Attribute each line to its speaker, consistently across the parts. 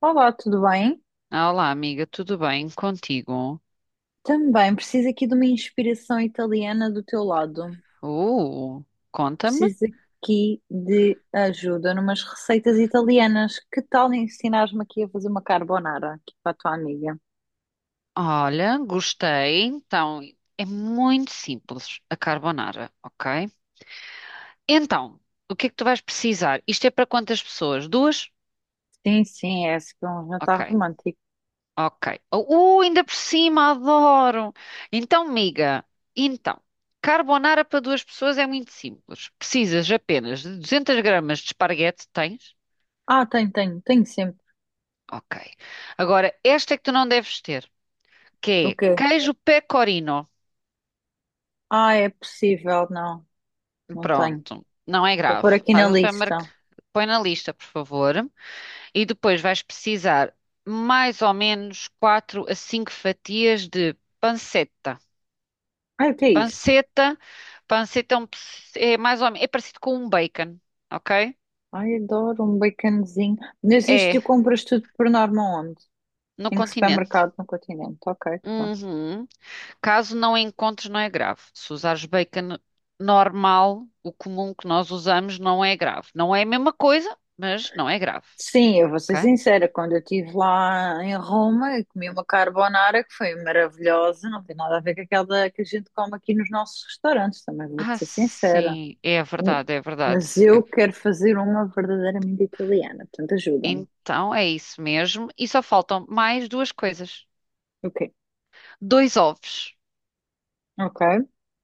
Speaker 1: Olá, tudo bem?
Speaker 2: Ah, olá, amiga, tudo bem contigo?
Speaker 1: Também preciso aqui de uma inspiração italiana do teu lado.
Speaker 2: Uh, Conta-me.
Speaker 1: Preciso aqui de ajuda numas receitas italianas. Que tal ensinares-me aqui a fazer uma carbonara aqui para a tua amiga?
Speaker 2: Olha, gostei. Então, é muito simples a carbonara, ok? Então, o que é que tu vais precisar? Isto é para quantas pessoas? Duas?
Speaker 1: Sim, sim, é esse que é um jantar
Speaker 2: Ok,
Speaker 1: romântico.
Speaker 2: ok. Ainda por cima, adoro! Então, amiga, então, carbonara para duas pessoas é muito simples. Precisas apenas de 200 gramas de esparguete, tens?
Speaker 1: Ah, tenho, tenho, tenho sempre.
Speaker 2: Ok. Agora, esta é que tu não deves ter. Que
Speaker 1: O quê?
Speaker 2: é queijo pecorino.
Speaker 1: Ah, é possível, não, não tenho.
Speaker 2: Pronto, não é
Speaker 1: Vou
Speaker 2: grave.
Speaker 1: pôr aqui na
Speaker 2: Vais ao supermercado,
Speaker 1: lista.
Speaker 2: põe na lista, por favor, e depois vais precisar mais ou menos 4 a 5 fatias de panceta.
Speaker 1: Ai, o que é isso?
Speaker 2: Panceta, panceta é, é mais ou menos, é parecido com um bacon, ok?
Speaker 1: Ai, adoro um baconzinho. Mas isto
Speaker 2: É,
Speaker 1: tu compras tudo por norma onde?
Speaker 2: no
Speaker 1: Em que
Speaker 2: continente.
Speaker 1: supermercado no continente? Ok, pronto.
Speaker 2: Uhum. Caso não encontres, não é grave. Se usares bacon normal, o comum que nós usamos, não é grave. Não é a mesma coisa, mas não é grave.
Speaker 1: Sim, eu vou ser
Speaker 2: Ok?
Speaker 1: sincera, quando eu estive lá em Roma, eu comi uma carbonara que foi maravilhosa, não tem nada a ver com aquela que a gente come aqui nos nossos restaurantes, também
Speaker 2: Ah,
Speaker 1: vou-te ser sincera.
Speaker 2: sim, é
Speaker 1: Hum.
Speaker 2: verdade, é verdade.
Speaker 1: Mas eu
Speaker 2: É-
Speaker 1: quero fazer uma verdadeiramente italiana, portanto ajuda-me.
Speaker 2: Então é isso mesmo. E só faltam mais duas coisas:
Speaker 1: Ok,
Speaker 2: dois ovos.
Speaker 1: ok,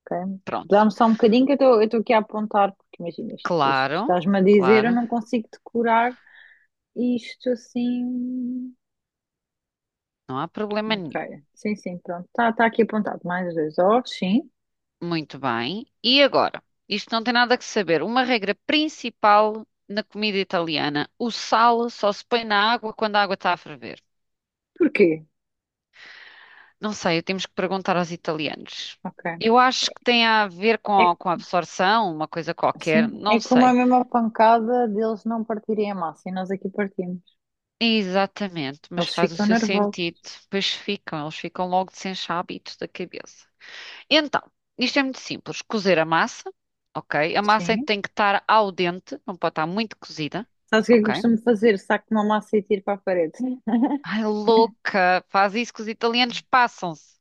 Speaker 1: ok.
Speaker 2: Pronto,
Speaker 1: Dá-me só um bocadinho que eu estou aqui a apontar, porque imagina isto, depois tu
Speaker 2: claro,
Speaker 1: estás-me a dizer, eu
Speaker 2: claro,
Speaker 1: não consigo decorar isto assim.
Speaker 2: não há problema nenhum.
Speaker 1: Ok, sim, sim, pronto, está tá tá aqui apontado, mais dois ovos, sim.
Speaker 2: Muito bem. E agora? Isto não tem nada que saber. Uma regra principal na comida italiana: o sal só se põe na água quando a água está a ferver.
Speaker 1: Porquê?
Speaker 2: Não sei, temos que perguntar aos italianos.
Speaker 1: Ok.
Speaker 2: Eu acho que tem a ver
Speaker 1: É,
Speaker 2: com a absorção, uma coisa qualquer,
Speaker 1: sim, é
Speaker 2: não
Speaker 1: como a
Speaker 2: sei.
Speaker 1: mesma pancada deles não partirem a massa e nós aqui partimos.
Speaker 2: Exatamente, mas
Speaker 1: Eles
Speaker 2: faz o
Speaker 1: ficam
Speaker 2: seu
Speaker 1: nervosos.
Speaker 2: sentido. Pois ficam, eles ficam logo sem hábitos da cabeça. Então, isto é muito simples: cozer a massa, ok? A massa
Speaker 1: Sim.
Speaker 2: tem que estar ao dente, não pode estar muito cozida,
Speaker 1: Sabes o que é que eu
Speaker 2: ok?
Speaker 1: costumo fazer? Saco uma massa e tiro para a parede.
Speaker 2: Ai, louca! Faz isso que os italianos passam-se.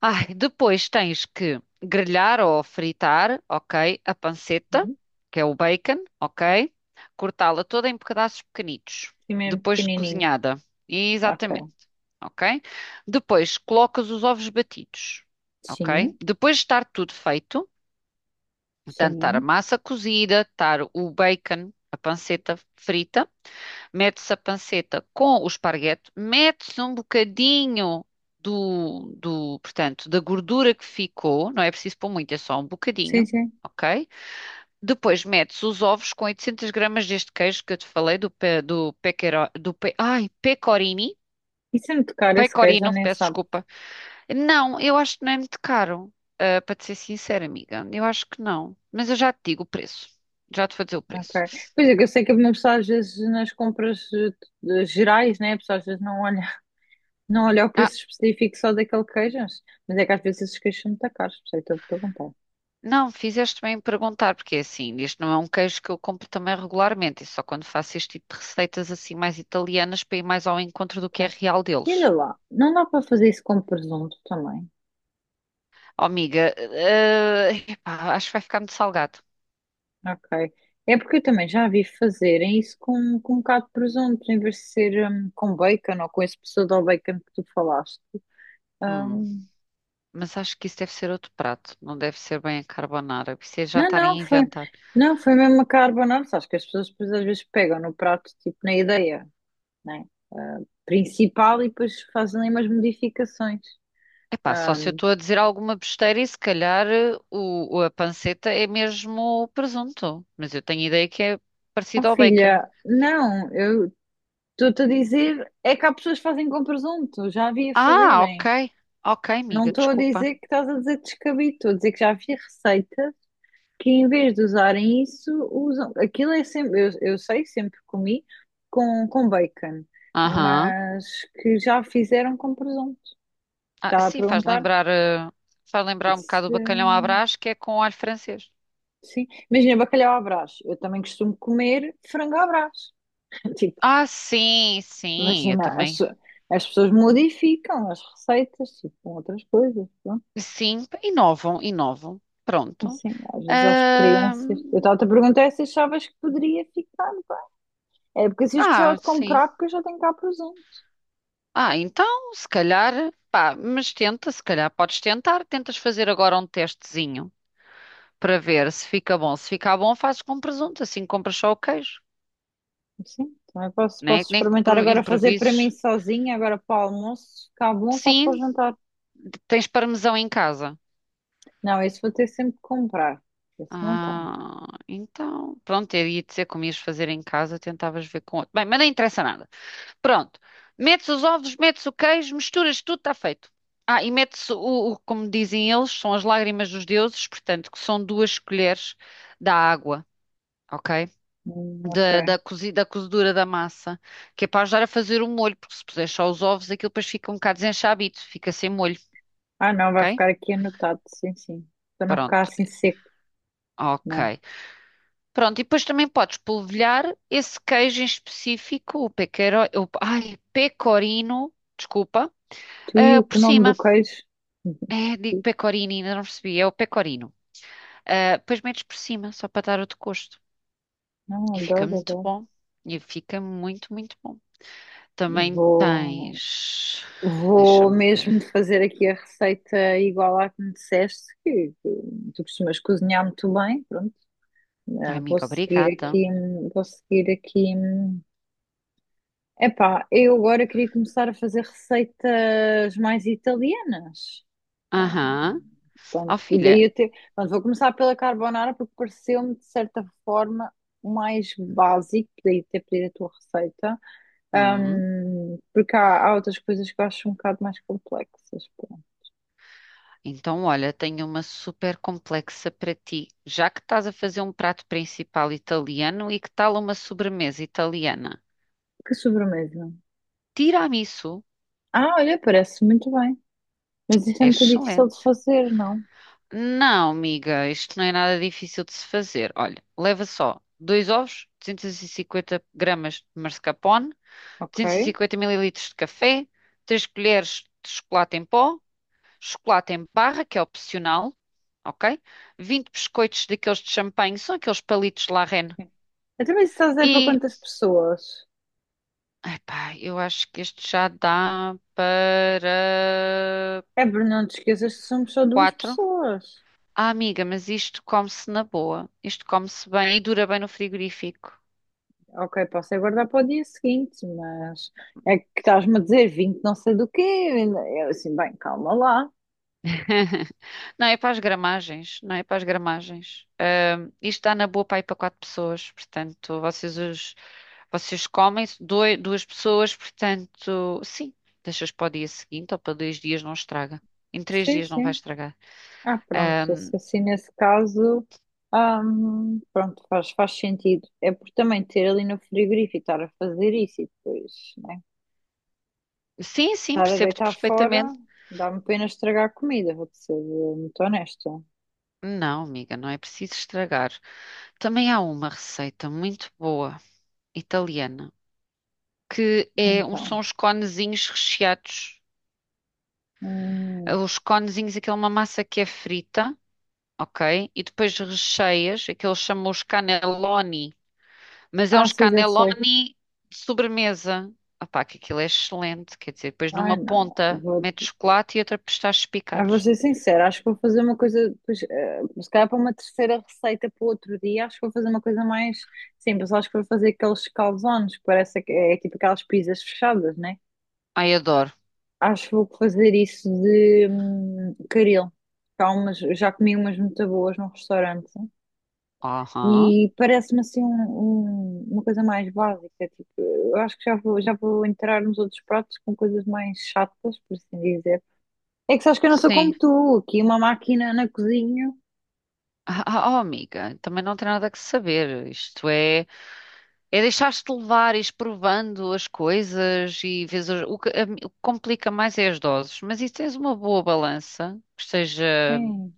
Speaker 2: Ai, depois tens que grelhar ou fritar, ok, a panceta,
Speaker 1: Sim.
Speaker 2: que é o bacon, ok? Cortá-la toda em pedaços pequenitos,
Speaker 1: Sim, mesmo
Speaker 2: depois de
Speaker 1: pequenininho.
Speaker 2: cozinhada.
Speaker 1: Ok.
Speaker 2: Exatamente, ok? Depois colocas os ovos batidos, ok?
Speaker 1: Sim,
Speaker 2: Depois de estar tudo feito, portanto, estar a
Speaker 1: sim.
Speaker 2: massa cozida, estar o bacon, a panceta frita, metes a panceta com o esparguete, metes um bocadinho portanto, da gordura que ficou, não é preciso pôr muito, é só um
Speaker 1: Sim,
Speaker 2: bocadinho,
Speaker 1: sim.
Speaker 2: ok? Depois metes os ovos com 800 gramas deste queijo que eu te falei, do, pe, do, pequero, do pe, ai,
Speaker 1: E se me tocar esse queijo, eu
Speaker 2: pecorino,
Speaker 1: nem
Speaker 2: peço
Speaker 1: sabe.
Speaker 2: desculpa. Não, eu acho que não é muito caro, ah, para te ser sincera, amiga, eu acho que não, mas eu já te digo o preço, já te vou dizer o preço.
Speaker 1: Ok. Pois é, que eu sei que uma pessoa às vezes nas compras gerais, né? A pessoa às vezes não olha, não olha o
Speaker 2: Ah,
Speaker 1: preço específico só daquele queijo, mas é que às vezes esses queijos são muito caros, por isso é que estou a perguntar.
Speaker 2: não, fizeste bem em perguntar, porque é assim, isto não é um queijo que eu compro também regularmente, e só quando faço este tipo de receitas assim mais italianas para ir mais ao encontro do que é
Speaker 1: Ok.
Speaker 2: real
Speaker 1: E olha
Speaker 2: deles.
Speaker 1: lá, não dá para fazer isso com presunto também.
Speaker 2: Oh, amiga, epá, acho que vai ficar muito salgado.
Speaker 1: Ok. É porque eu também já vi fazerem isso com um bocado de presunto, em vez de ser com bacon ou com esse pseudo bacon que tu falaste.
Speaker 2: Hum,
Speaker 1: Hum,
Speaker 2: mas acho que isso deve ser outro prato, não deve ser bem a carbonara, porque isso é
Speaker 1: não,
Speaker 2: jantar a
Speaker 1: não, foi,
Speaker 2: inventar.
Speaker 1: não, foi mesmo a carbonara. Acho que as pessoas depois às vezes pegam no prato, tipo na ideia, né? Principal e depois fazem ali umas modificações.
Speaker 2: Epá, só se eu
Speaker 1: Hum,
Speaker 2: estou a dizer alguma besteira e se calhar a panceta é mesmo o presunto, mas eu tenho ideia que é
Speaker 1: oh,
Speaker 2: parecido ao bacon.
Speaker 1: filha, não, eu estou-te a dizer, é que há pessoas que fazem com presunto, já havia
Speaker 2: Ah,
Speaker 1: fazerem.
Speaker 2: ok, ok,
Speaker 1: Não
Speaker 2: amiga,
Speaker 1: estou a
Speaker 2: desculpa.
Speaker 1: dizer que estás a dizer descabido, estou a dizer que já havia receita que em vez de usarem isso, usam. Aquilo é sempre, eu sei, sempre comi com bacon,
Speaker 2: Aham.
Speaker 1: mas que já fizeram com presunto.
Speaker 2: Ah,
Speaker 1: Está a
Speaker 2: sim, faz
Speaker 1: perguntar
Speaker 2: lembrar, eh, faz lembrar um bocado o
Speaker 1: se.
Speaker 2: bacalhau à Brás, que é com alho francês.
Speaker 1: Sim, imagina bacalhau à Brás. Eu também costumo comer frango à Brás. Tipo,
Speaker 2: Ah, sim, sim, eu
Speaker 1: imagina, as,
Speaker 2: também.
Speaker 1: as pessoas modificam as receitas, tipo, com outras coisas. Pronto.
Speaker 2: Sim, inovam, inovam. Pronto.
Speaker 1: Assim, às vezes há
Speaker 2: Ah,
Speaker 1: experiências. Eu estava a perguntar se achavas que poderia ficar. É porque se eu gostava
Speaker 2: ah,
Speaker 1: de
Speaker 2: sim.
Speaker 1: comprar, porque eu já tenho cá presente.
Speaker 2: Ah, então, se calhar, pá, mas tenta, se calhar podes tentar. Tentas fazer agora um testezinho para ver se fica bom. Se ficar bom, fazes com presunto, assim compras só o queijo,
Speaker 1: Sim, também posso,
Speaker 2: né?
Speaker 1: posso
Speaker 2: Nem que
Speaker 1: experimentar agora fazer para mim
Speaker 2: improvises.
Speaker 1: sozinha, agora para o almoço, se ficar bom, faço para o
Speaker 2: Sim,
Speaker 1: jantar.
Speaker 2: tens parmesão em casa.
Speaker 1: Não, esse vou ter sempre que comprar. Esse não tenho.
Speaker 2: Ah, então, pronto, eu ia dizer como ias fazer em casa, tentavas ver com outro. Bem, mas não interessa nada. Pronto, metes os ovos, metes o queijo, misturas tudo, está feito. Ah, e metes como dizem eles, são as lágrimas dos deuses, portanto, que são duas colheres da água, ok?
Speaker 1: Ok.
Speaker 2: Da cozedura da massa, que é para ajudar a fazer o molho, porque se puser só os ovos, aquilo depois fica um bocado desenchabido, fica sem molho,
Speaker 1: Ah, não, vai
Speaker 2: ok?
Speaker 1: ficar aqui anotado, sim, sim. Para não ficar
Speaker 2: Pronto,
Speaker 1: assim seco, né?
Speaker 2: ok. Pronto, e depois também podes polvilhar esse queijo em específico, o pecorino, ai, pecorino, desculpa,
Speaker 1: Tu e
Speaker 2: ah,
Speaker 1: o
Speaker 2: por
Speaker 1: que nome do
Speaker 2: cima.
Speaker 1: queijo?
Speaker 2: É, digo pecorino, ainda não percebi, é o pecorino. Ah, depois metes por cima, só para dar outro gosto.
Speaker 1: Não,
Speaker 2: E fica
Speaker 1: adoro,
Speaker 2: muito
Speaker 1: adoro.
Speaker 2: bom. E fica muito, muito bom. Também
Speaker 1: Vou,
Speaker 2: tens.
Speaker 1: vou
Speaker 2: Deixa-me ver.
Speaker 1: mesmo fazer aqui a receita igual à que me disseste, que tu costumas cozinhar muito bem, pronto.
Speaker 2: Ai,
Speaker 1: Ah, vou
Speaker 2: amiga,
Speaker 1: seguir
Speaker 2: obrigada.
Speaker 1: aqui, vou seguir aqui. Hum. Epá, eu agora queria começar a fazer receitas mais italianas. Ah,
Speaker 2: Aham. Ó,
Speaker 1: portanto, e
Speaker 2: filha.
Speaker 1: daí eu te... Portanto, vou começar pela carbonara porque pareceu-me de certa forma o mais básico, daí ter pedido a tua receita.
Speaker 2: hum,
Speaker 1: Porque há, há outras coisas que eu acho um bocado mais complexas. Pronto.
Speaker 2: Então, olha, tenho uma super complexa para ti. Já que estás a fazer um prato principal italiano e que tal uma sobremesa italiana?
Speaker 1: Que sobremesa?
Speaker 2: Tiramisu
Speaker 1: Ah, olha, parece muito bem. Mas isso é
Speaker 2: é
Speaker 1: muito difícil de
Speaker 2: excelente.
Speaker 1: fazer, não?
Speaker 2: Não, amiga, isto não é nada difícil de se fazer. Olha, leva só dois ovos, 250 gramas de mascarpone,
Speaker 1: Ok.
Speaker 2: 250 mililitros de café, 3 colheres de chocolate em pó, chocolate em barra, que é opcional, ok? 20 biscoitos daqueles de champanhe, são aqueles palitos La Reine.
Speaker 1: Sim. Eu também estás a dizer para
Speaker 2: E
Speaker 1: quantas pessoas?
Speaker 2: Epá, eu acho que este já dá para
Speaker 1: É, Bruno, não te esqueças que somos só duas
Speaker 2: quatro.
Speaker 1: pessoas.
Speaker 2: Ah, amiga, mas isto come-se na boa. Isto come-se bem e dura bem no frigorífico.
Speaker 1: Ok, posso aguardar para o dia seguinte, mas é que estás-me a dizer 20 não sei do quê. Eu assim, bem, calma lá.
Speaker 2: Não é para as gramagens, não é para as gramagens. Isto dá na boa para ir para quatro pessoas, portanto, vocês comem duas pessoas, portanto, sim, deixas para o dia seguinte ou para dois dias não estraga. Em três
Speaker 1: Sim,
Speaker 2: dias não vai
Speaker 1: sim.
Speaker 2: estragar.
Speaker 1: Ah, pronto,
Speaker 2: Ahm,
Speaker 1: se assim nesse caso, pronto, faz, faz sentido. É por também ter ali no frigorífico, e estar a fazer isso e depois, né?
Speaker 2: sim, sim,
Speaker 1: Estar a
Speaker 2: percebo-te
Speaker 1: deitar fora,
Speaker 2: perfeitamente.
Speaker 1: dá-me pena estragar a comida, vou-te ser muito honesta.
Speaker 2: Não, amiga, não é preciso estragar. Também há uma receita muito boa, italiana, são
Speaker 1: Então.
Speaker 2: os conezinhos recheados.
Speaker 1: Hum.
Speaker 2: Os conezinhos, aquela uma massa que é frita, ok? E depois recheias, aqueles chamam os cannelloni, mas é
Speaker 1: Ah,
Speaker 2: uns
Speaker 1: sim, já sei.
Speaker 2: cannelloni de sobremesa. Opá, que aquilo é excelente, quer dizer, depois
Speaker 1: Ai,
Speaker 2: numa
Speaker 1: não.
Speaker 2: ponta
Speaker 1: Vou...
Speaker 2: metes chocolate e outra pistachos
Speaker 1: Ah, vou
Speaker 2: picados.
Speaker 1: ser sincera, acho que vou fazer uma coisa, pois, se calhar para uma terceira receita para o outro dia, acho que vou fazer uma coisa mais simples. Acho que vou fazer aqueles calzones, parece que é tipo aquelas pizzas fechadas, né?
Speaker 2: Ai, adoro.
Speaker 1: Acho que vou fazer isso de caril. Tá, umas, já comi umas muito boas num restaurante
Speaker 2: Aham,
Speaker 1: e parece-me assim uma coisa mais básica. Tipo, eu acho que já vou entrar nos outros pratos com coisas mais chatas, por assim dizer. É que sabes que eu não sou
Speaker 2: sim.
Speaker 1: como tu, aqui uma máquina na cozinha,
Speaker 2: Ah, ah, oh, amiga, também não tem nada que saber. Isto é, deixar-te levar, ires provando as coisas e vês o que, o que complica mais é as doses. Mas e se tens uma boa balança, que esteja.
Speaker 1: hein,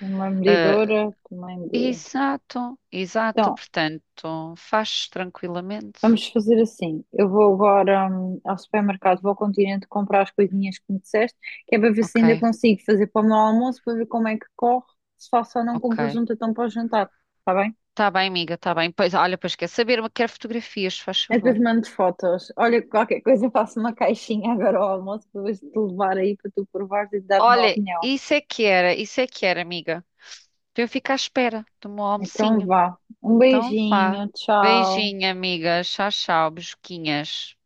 Speaker 1: uma
Speaker 2: Ah,
Speaker 1: medidora também de.
Speaker 2: exato, exato.
Speaker 1: Então,
Speaker 2: Portanto, fazes tranquilamente.
Speaker 1: vamos fazer assim. Eu vou agora, ao supermercado, vou ao Continente comprar as coisinhas que me disseste, que é para ver se ainda
Speaker 2: Ok,
Speaker 1: consigo fazer para o meu almoço, para ver como é que corre, se faço ou não com
Speaker 2: ok.
Speaker 1: presunto então para o jantar, está bem?
Speaker 2: Tá bem, amiga, tá bem. Pois, olha, pois quer saber, mas quero fotografias, faz
Speaker 1: E
Speaker 2: favor.
Speaker 1: depois mando fotos. Olha, qualquer coisa eu faço uma caixinha agora ao almoço para depois te levar aí para tu provares e te dar uma
Speaker 2: Olha,
Speaker 1: opinião.
Speaker 2: isso é que era, isso é que era, amiga. Para eu ficar à espera do meu
Speaker 1: Então
Speaker 2: almocinho.
Speaker 1: vá. Um
Speaker 2: Então vá.
Speaker 1: beijinho, tchau.
Speaker 2: Beijinho, amiga. Tchau, tchau, besquinhas.